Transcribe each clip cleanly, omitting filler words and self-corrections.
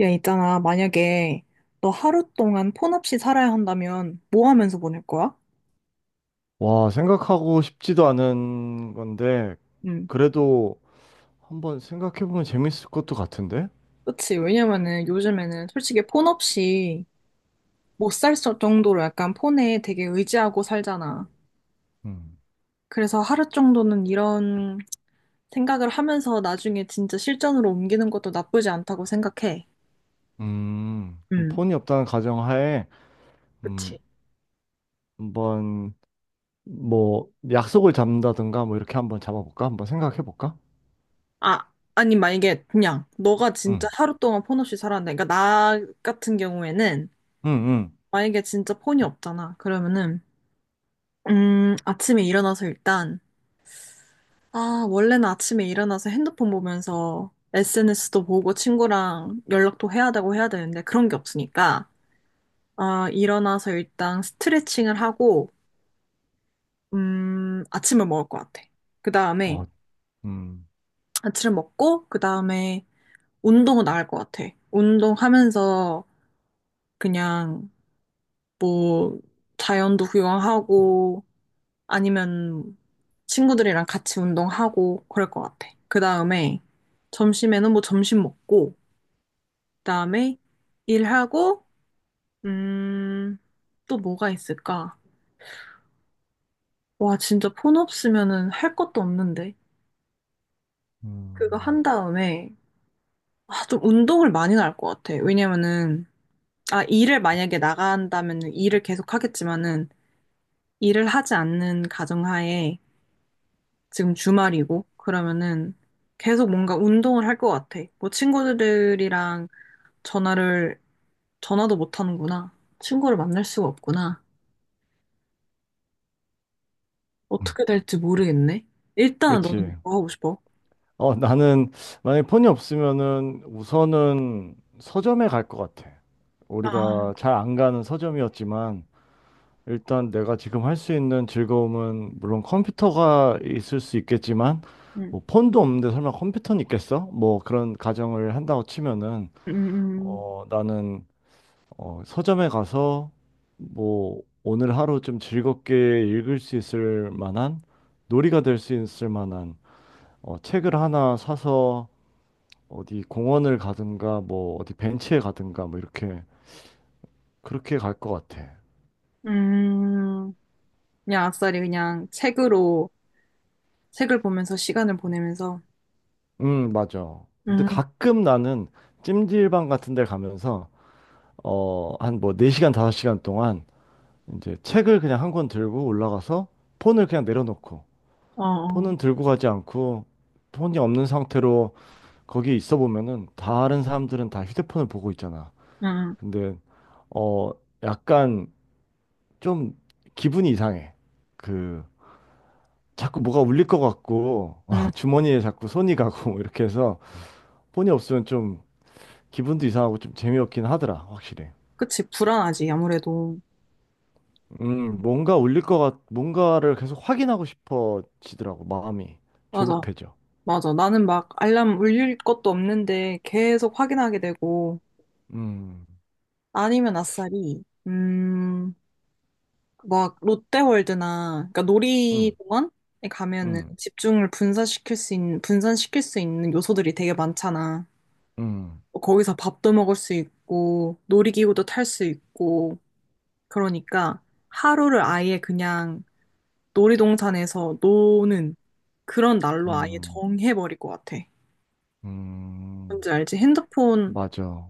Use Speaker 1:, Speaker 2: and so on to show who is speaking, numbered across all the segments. Speaker 1: 야, 있잖아. 만약에 너 하루 동안 폰 없이 살아야 한다면 뭐 하면서 보낼 거야?
Speaker 2: 와, 생각하고 싶지도 않은 건데,
Speaker 1: 응.
Speaker 2: 그래도 한번 생각해보면 재밌을 것도 같은데?
Speaker 1: 그치. 왜냐면은 요즘에는 솔직히 폰 없이 못 살 정도로 약간 폰에 되게 의지하고 살잖아.
Speaker 2: 음,
Speaker 1: 그래서 하루 정도는 이런 생각을 하면서 나중에 진짜 실전으로 옮기는 것도 나쁘지 않다고 생각해.
Speaker 2: 그럼
Speaker 1: 응.
Speaker 2: 폰이 없다는 가정하에, 음,
Speaker 1: 그치.
Speaker 2: 한번, 뭐, 약속을 잡는다든가, 뭐, 이렇게 한번 잡아볼까? 한번 생각해볼까?
Speaker 1: 아, 아니, 만약에 그냥 너가 진짜
Speaker 2: 응,
Speaker 1: 하루 동안 폰 없이 살았는데, 그러니까 나 같은 경우에는
Speaker 2: 응, 응.
Speaker 1: 만약에 진짜 폰이 없잖아. 그러면은 아침에 일어나서 일단, 아, 원래는 아침에 일어나서 핸드폰 보면서 SNS도 보고 친구랑 연락도 해야 되고 해야 되는데 그런 게 없으니까, 아, 일어나서 일단 스트레칭을 하고, 아침을 먹을 것 같아. 그 다음에
Speaker 2: 어, 음,
Speaker 1: 아침을 먹고, 그 다음에 운동은 나갈 것 같아. 운동하면서 그냥 뭐 자연도 구경하고, 아니면 친구들이랑 같이 운동하고 그럴 것 같아. 그 다음에 점심에는 뭐 점심 먹고, 그 다음에 일하고, 음, 또 뭐가 있을까? 와, 진짜 폰 없으면은 할 것도 없는데. 그거
Speaker 2: 음.
Speaker 1: 한 다음에, 아, 좀 운동을 많이 할 것 같아. 왜냐면은, 아, 일을 만약에 나간다면 일을 계속 하겠지만은, 일을 하지 않는 가정하에 지금 주말이고, 그러면은 계속 뭔가 운동을 할 것 같아. 뭐 친구들이랑 전화를, 전화도 못 하는구나. 친구를 만날 수가 없구나.
Speaker 2: 음.
Speaker 1: 어떻게 될지 모르겠네. 일단 너는
Speaker 2: 그렇지.
Speaker 1: 뭐 하고 싶어?
Speaker 2: 어, 나는, 만약에 폰이 없으면은, 우선은 서점에 갈 것 같아. 우리가
Speaker 1: 아.
Speaker 2: 잘 안 가는 서점이었지만, 일단 내가 지금 할 수 있는 즐거움은 물론 컴퓨터가 있을 수 있겠지만,
Speaker 1: 음.
Speaker 2: 뭐 폰도 없는데 설마 컴퓨터는 있겠어? 뭐 그런 가정을 한다고 치면은,
Speaker 1: 음.
Speaker 2: 나는 서점에 가서 뭐 오늘 하루 좀 즐겁게 읽을 수 있을 만한, 놀이가 될 수 있을 만한 책을 하나 사서 어디 공원을 가든가, 뭐 어디 벤치에 가든가, 뭐 이렇게 그렇게 갈 것 같아.
Speaker 1: 음. 음. 그냥 아싸리 그냥 책으로, 책을 보면서 시간을 보내면서.
Speaker 2: 맞아. 근데
Speaker 1: 음.
Speaker 2: 가끔 나는 찜질방 같은 데 가면서, 한 뭐 4시간, 5시간 동안 이제 책을 그냥 1권 들고 올라가서 폰을 그냥 내려놓고,
Speaker 1: 어, 어.
Speaker 2: 폰은 들고 가지 않고, 폰이 없는 상태로 거기 있어 보면은 다른 사람들은 다 휴대폰을 보고 있잖아.
Speaker 1: 음.
Speaker 2: 근데, 어, 약간 좀 기분이 이상해. 그, 자꾸 뭐가 울릴 것 같고,
Speaker 1: 음.
Speaker 2: 주머니에 자꾸 손이 가고, 이렇게 해서 폰이 없으면 좀 기분도 이상하고 좀 재미없긴 하더라, 확실히.
Speaker 1: 그치, 불안하지, 아무래도.
Speaker 2: 뭔가 울릴 것 같, 뭔가를 계속 확인하고 싶어지더라고, 마음이.
Speaker 1: 맞아.
Speaker 2: 조급해져.
Speaker 1: 맞아. 나는 막 알람 울릴 것도 없는데 계속 확인하게 되고
Speaker 2: 음,
Speaker 1: 아니면 아싸리 막 롯데월드나 그러니까
Speaker 2: 음,
Speaker 1: 놀이공원에 가면은
Speaker 2: 음,
Speaker 1: 집중을 분산시킬 수 있는 분산시킬 수 있는 요소들이 되게 많잖아.
Speaker 2: 음,
Speaker 1: 뭐 거기서 밥도 먹을 수 있고 놀이기구도 탈 수 있고 그러니까 하루를 아예 그냥 놀이동산에서 노는 그런 날로 아예
Speaker 2: 음,
Speaker 1: 정해버릴 것 같아.
Speaker 2: 음,
Speaker 1: 뭔지 알지? 핸드폰.
Speaker 2: 맞아.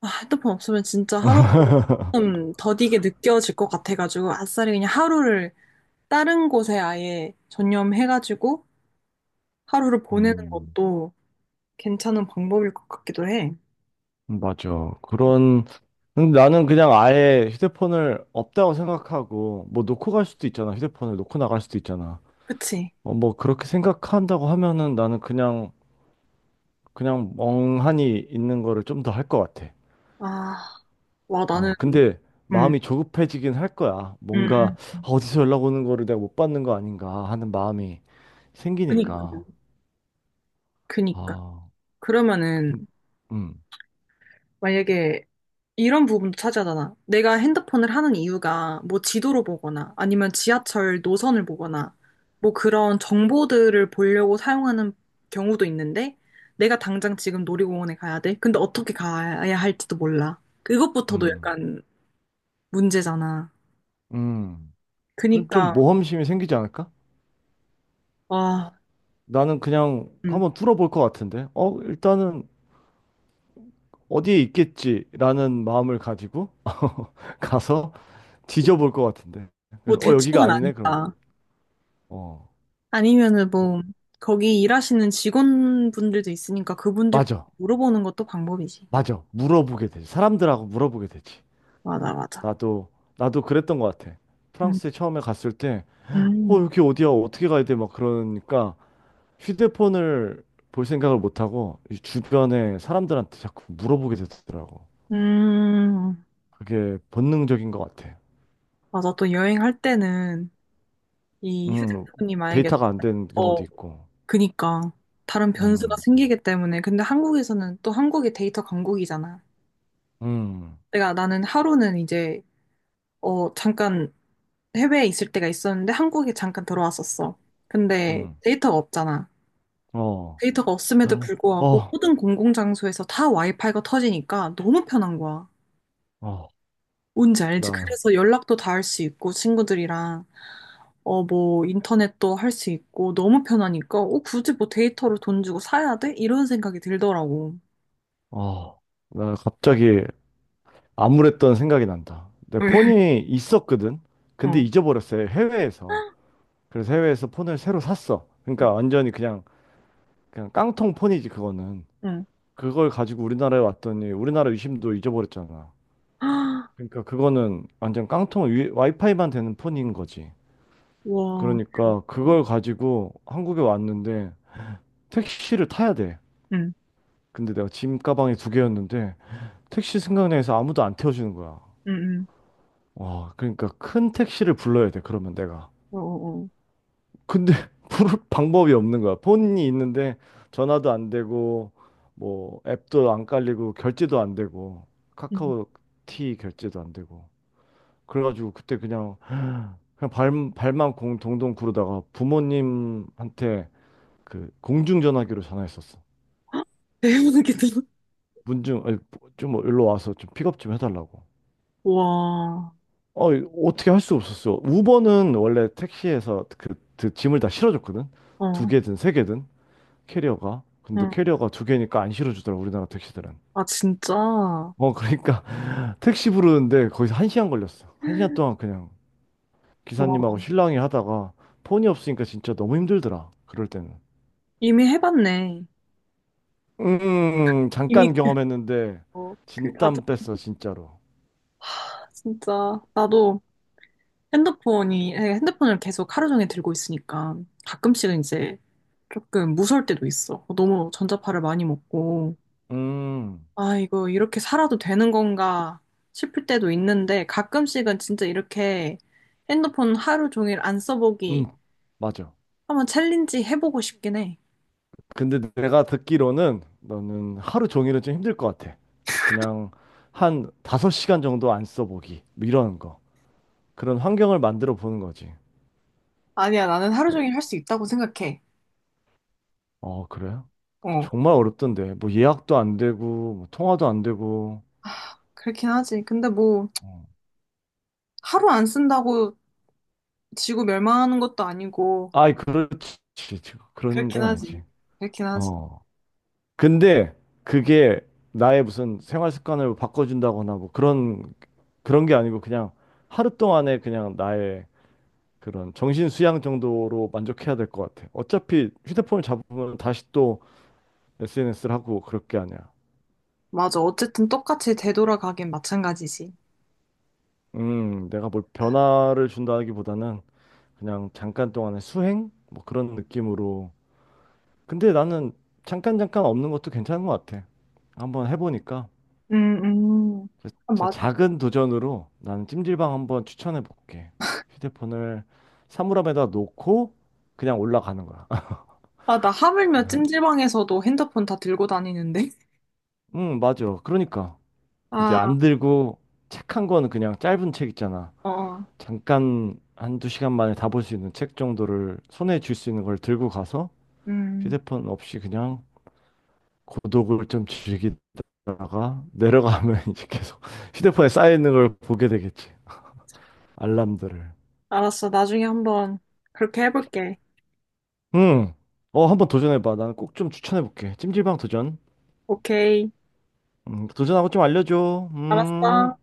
Speaker 1: 아, 핸드폰 없으면 진짜 하루 좀 더디게 느껴질 것 같아가지고 아싸리 그냥 하루를 다른 곳에 아예 전념해가지고 하루를 보내는
Speaker 2: 음,
Speaker 1: 것도 괜찮은 방법일 것 같기도 해.
Speaker 2: 맞아. 그런, 근데 나는 그냥 아예 휴대폰을 없다고 생각하고, 뭐 놓고 갈 수도 있잖아. 휴대폰을 놓고 나갈 수도 있잖아.
Speaker 1: 그치?
Speaker 2: 어, 뭐 그렇게 생각한다고 하면은 나는 그냥, 그냥 멍하니 있는 거를 좀 더 할 것 같아.
Speaker 1: 아, 와
Speaker 2: 어,
Speaker 1: 나는.
Speaker 2: 근데
Speaker 1: 음.
Speaker 2: 마음이 조급해지긴 할 거야.
Speaker 1: 음.
Speaker 2: 뭔가,
Speaker 1: 음.
Speaker 2: 아, 어디서 연락 오는 거를 내가 못 받는 거 아닌가 하는 마음이
Speaker 1: 그니까,
Speaker 2: 생기니까.
Speaker 1: 그니까.
Speaker 2: 아,
Speaker 1: 그러면은
Speaker 2: 근- 음,
Speaker 1: 만약에 이런 부분도 차지하잖아. 내가 핸드폰을 하는 이유가 뭐 지도로 보거나 아니면 지하철 노선을 보거나 뭐 그런 정보들을 보려고 사용하는 경우도 있는데 내가 당장 지금 놀이공원에 가야 돼. 근데 어떻게 가야 할지도 몰라. 그것부터도
Speaker 2: 음,
Speaker 1: 약간 문제잖아.
Speaker 2: 음. 그럼 좀
Speaker 1: 그니까.
Speaker 2: 모험심이 생기지 않을까?
Speaker 1: 와.
Speaker 2: 나는 그냥
Speaker 1: 음.
Speaker 2: 한번 뚫어볼 것 같은데. 어, 일단은 어디에 있겠지라는 마음을 가지고 가서 뒤져볼 것 같은데.
Speaker 1: 뭐
Speaker 2: 그래서 여기가
Speaker 1: 대충은
Speaker 2: 아니네? 그러면
Speaker 1: 아니다.
Speaker 2: 어,
Speaker 1: 아니면은 뭐 거기 일하시는 직원분들도 있으니까 그분들께
Speaker 2: 맞아,
Speaker 1: 물어보는 것도 방법이지.
Speaker 2: 맞아. 물어보게 되지. 사람들하고 물어보게 되지.
Speaker 1: 맞아, 맞아.
Speaker 2: 나도 나도 그랬던 것 같아.
Speaker 1: 음.
Speaker 2: 프랑스에 처음에 갔을 때, 어
Speaker 1: 음.
Speaker 2: 여기 어디야, 어떻게 가야 돼, 막 그러니까 휴대폰을 볼 생각을 못 하고 이 주변에 사람들한테 자꾸 물어보게 되더라고.
Speaker 1: 음.
Speaker 2: 그게 본능적인 것 같아.
Speaker 1: 맞아. 또 여행할 때는 이
Speaker 2: 음
Speaker 1: 휴대폰이 만약에,
Speaker 2: 데이터가 안 되는
Speaker 1: 어,
Speaker 2: 경우도 있고.
Speaker 1: 그니까. 다른 변수가
Speaker 2: 음
Speaker 1: 생기기 때문에. 근데 한국에서는 또 한국이 데이터 강국이잖아.
Speaker 2: 음
Speaker 1: 내가 나는 하루는 이제, 어, 잠깐 해외에 있을 때가 있었는데 한국에 잠깐 들어왔었어. 근데
Speaker 2: 음
Speaker 1: 데이터가 없잖아.
Speaker 2: 어
Speaker 1: 데이터가 없음에도
Speaker 2: 어
Speaker 1: 불구하고 모든 공공장소에서 다 와이파이가 터지니까 너무 편한 거야.
Speaker 2: 어
Speaker 1: 뭔지 알지?
Speaker 2: 나
Speaker 1: 그래서 연락도 다 할 수 있고, 친구들이랑, 어, 뭐, 인터넷도 할 수 있고, 너무 편하니까, 어, 굳이 뭐 데이터를 돈 주고 사야 돼? 이런 생각이 들더라고.
Speaker 2: 어 나 갑자기 암울했던 생각이 난다. 내 폰이 있었거든. 근데
Speaker 1: 어.
Speaker 2: 잊어버렸어요, 해외에서. 그래서 해외에서 폰을 새로 샀어. 그러니까 완전히 그냥, 그냥 깡통 폰이지 그거는.
Speaker 1: 응.
Speaker 2: 그걸 가지고 우리나라에 왔더니 우리나라 유심도 잊어버렸잖아. 그러니까 그거는 완전 깡통 와이파이만 되는 폰인 거지.
Speaker 1: 와,
Speaker 2: 그러니까
Speaker 1: 대박이다.
Speaker 2: 그걸 가지고 한국에 왔는데 택시를 타야 돼.
Speaker 1: 응,
Speaker 2: 근데 내가 짐 가방이 두 개였는데 택시 생각나서 아무도 안 태워주는 거야.
Speaker 1: 응, 응.
Speaker 2: 와, 그러니까 큰 택시를 불러야 돼, 그러면 내가.
Speaker 1: 어, 어, 어.
Speaker 2: 근데 부를 방법이 없는 거야. 폰이 있는데 전화도 안 되고, 뭐 앱도 안 깔리고, 결제도 안 되고,
Speaker 1: 응.
Speaker 2: 카카오티 결제도 안 되고. 그래가지고 그때 그냥, 그냥 발만 공 동동 구르다가 부모님한테 그 공중전화기로 전화했었어.
Speaker 1: 대박이다.
Speaker 2: 문중, 아니, 좀 일로 와서 좀 픽업 좀 해달라고.
Speaker 1: 와.
Speaker 2: 어, 어떻게 할 수 없었어. 우버는 원래 택시에서 그 짐을 다 실어줬거든. 두
Speaker 1: 어.
Speaker 2: 개든 세 개든 캐리어가. 근데
Speaker 1: 응.
Speaker 2: 캐리어가 두 개니까 안 실어주더라, 우리나라 택시들은.
Speaker 1: 아, 진짜. 와.
Speaker 2: 그러니까 택시 부르는데 거기서 1시간 걸렸어. 1시간 동안 그냥 기사님하고 실랑이 하다가 폰이 없으니까 진짜 너무 힘들더라, 그럴 때는.
Speaker 1: 이미 해봤네.
Speaker 2: 잠깐
Speaker 1: 이미, 그,
Speaker 2: 경험했는데
Speaker 1: 어, 그, 맞아.
Speaker 2: 진땀 뺐어, 진짜로.
Speaker 1: 진짜. 나도. 핸드폰이, 예, 핸드폰을 계속 하루 종일 들고 있으니까 가끔씩은 이제 조금 무서울 때도 있어. 너무 전자파를 많이 먹고,
Speaker 2: 음,
Speaker 1: 아, 이거 이렇게 살아도 되는 건가 싶을 때도 있는데 가끔씩은 진짜 이렇게 핸드폰 하루 종일 안
Speaker 2: 음,
Speaker 1: 써보기
Speaker 2: 맞아.
Speaker 1: 한번 챌린지 해보고 싶긴 해.
Speaker 2: 근데 내가 듣기로는 너는 하루 종일은 좀 힘들 것 같아. 그냥 한 5시간 정도 안 써보기, 뭐 이런 거. 그런 환경을 만들어 보는 거지.
Speaker 1: 아니야, 나는 하루 종일 할 수 있다고 생각해.
Speaker 2: 어, 그래?
Speaker 1: 어,
Speaker 2: 정말 어렵던데. 뭐 예약도 안 되고, 뭐 통화도 안 되고.
Speaker 1: 그렇긴 하지. 근데 뭐
Speaker 2: 어.
Speaker 1: 하루 안 쓴다고 지구 멸망하는 것도 아니고,
Speaker 2: 아이, 그렇지. 그런
Speaker 1: 그렇긴
Speaker 2: 건 아니지.
Speaker 1: 하지. 그렇긴 하지.
Speaker 2: 어. 근데 그게 나의 무슨 생활 습관을 바꿔준다거나 뭐 그런, 그런 게 아니고 그냥 하루 동안에 그냥 나의 그런 정신 수양 정도로 만족해야 될 것 같아. 어차피 휴대폰을 잡으면 다시 또 SNS를 하고 그럴 게 아니야.
Speaker 1: 맞아. 어쨌든 똑같이 되돌아가긴 마찬가지지.
Speaker 2: 내가 뭘 변화를 준다기보다는 그냥 잠깐 동안의 수행? 뭐 그런 느낌으로. 근데 나는 잠깐 잠깐 없는 것도 괜찮은 것 같아, 한번 해보니까.
Speaker 1: 음, 음.
Speaker 2: 그래서
Speaker 1: 아,
Speaker 2: 진짜
Speaker 1: 맞아.
Speaker 2: 작은 도전으로 나는 찜질방 한번 추천해 볼게. 휴대폰을 사물함에다 놓고 그냥 올라가는 거야.
Speaker 1: 아, 나 하물며
Speaker 2: 한,
Speaker 1: 찜질방에서도 핸드폰 다 들고 다니는데.
Speaker 2: 응, 맞아. 그러니까. 이제
Speaker 1: 아,
Speaker 2: 안 들고 책 1권, 그냥 짧은 책 있잖아.
Speaker 1: 어, 어.
Speaker 2: 잠깐 한두 시간 만에 다 볼 수 있는 책 정도를, 손에 쥘 수 있는 걸 들고 가서
Speaker 1: 음.
Speaker 2: 휴대폰 없이 그냥 고독을 좀 즐기다가 내려가면 이제 계속 휴대폰에 쌓여있는 걸 보게 되겠지, 알람들을.
Speaker 1: 알았어. 나중에 한번 그렇게 해볼게.
Speaker 2: 음. 어, 한번 도전해봐. 나는 꼭 좀 추천해볼게, 찜질방 도전.
Speaker 1: 오케이.
Speaker 2: 도전하고 좀 알려줘.
Speaker 1: 알았어.
Speaker 2: 음.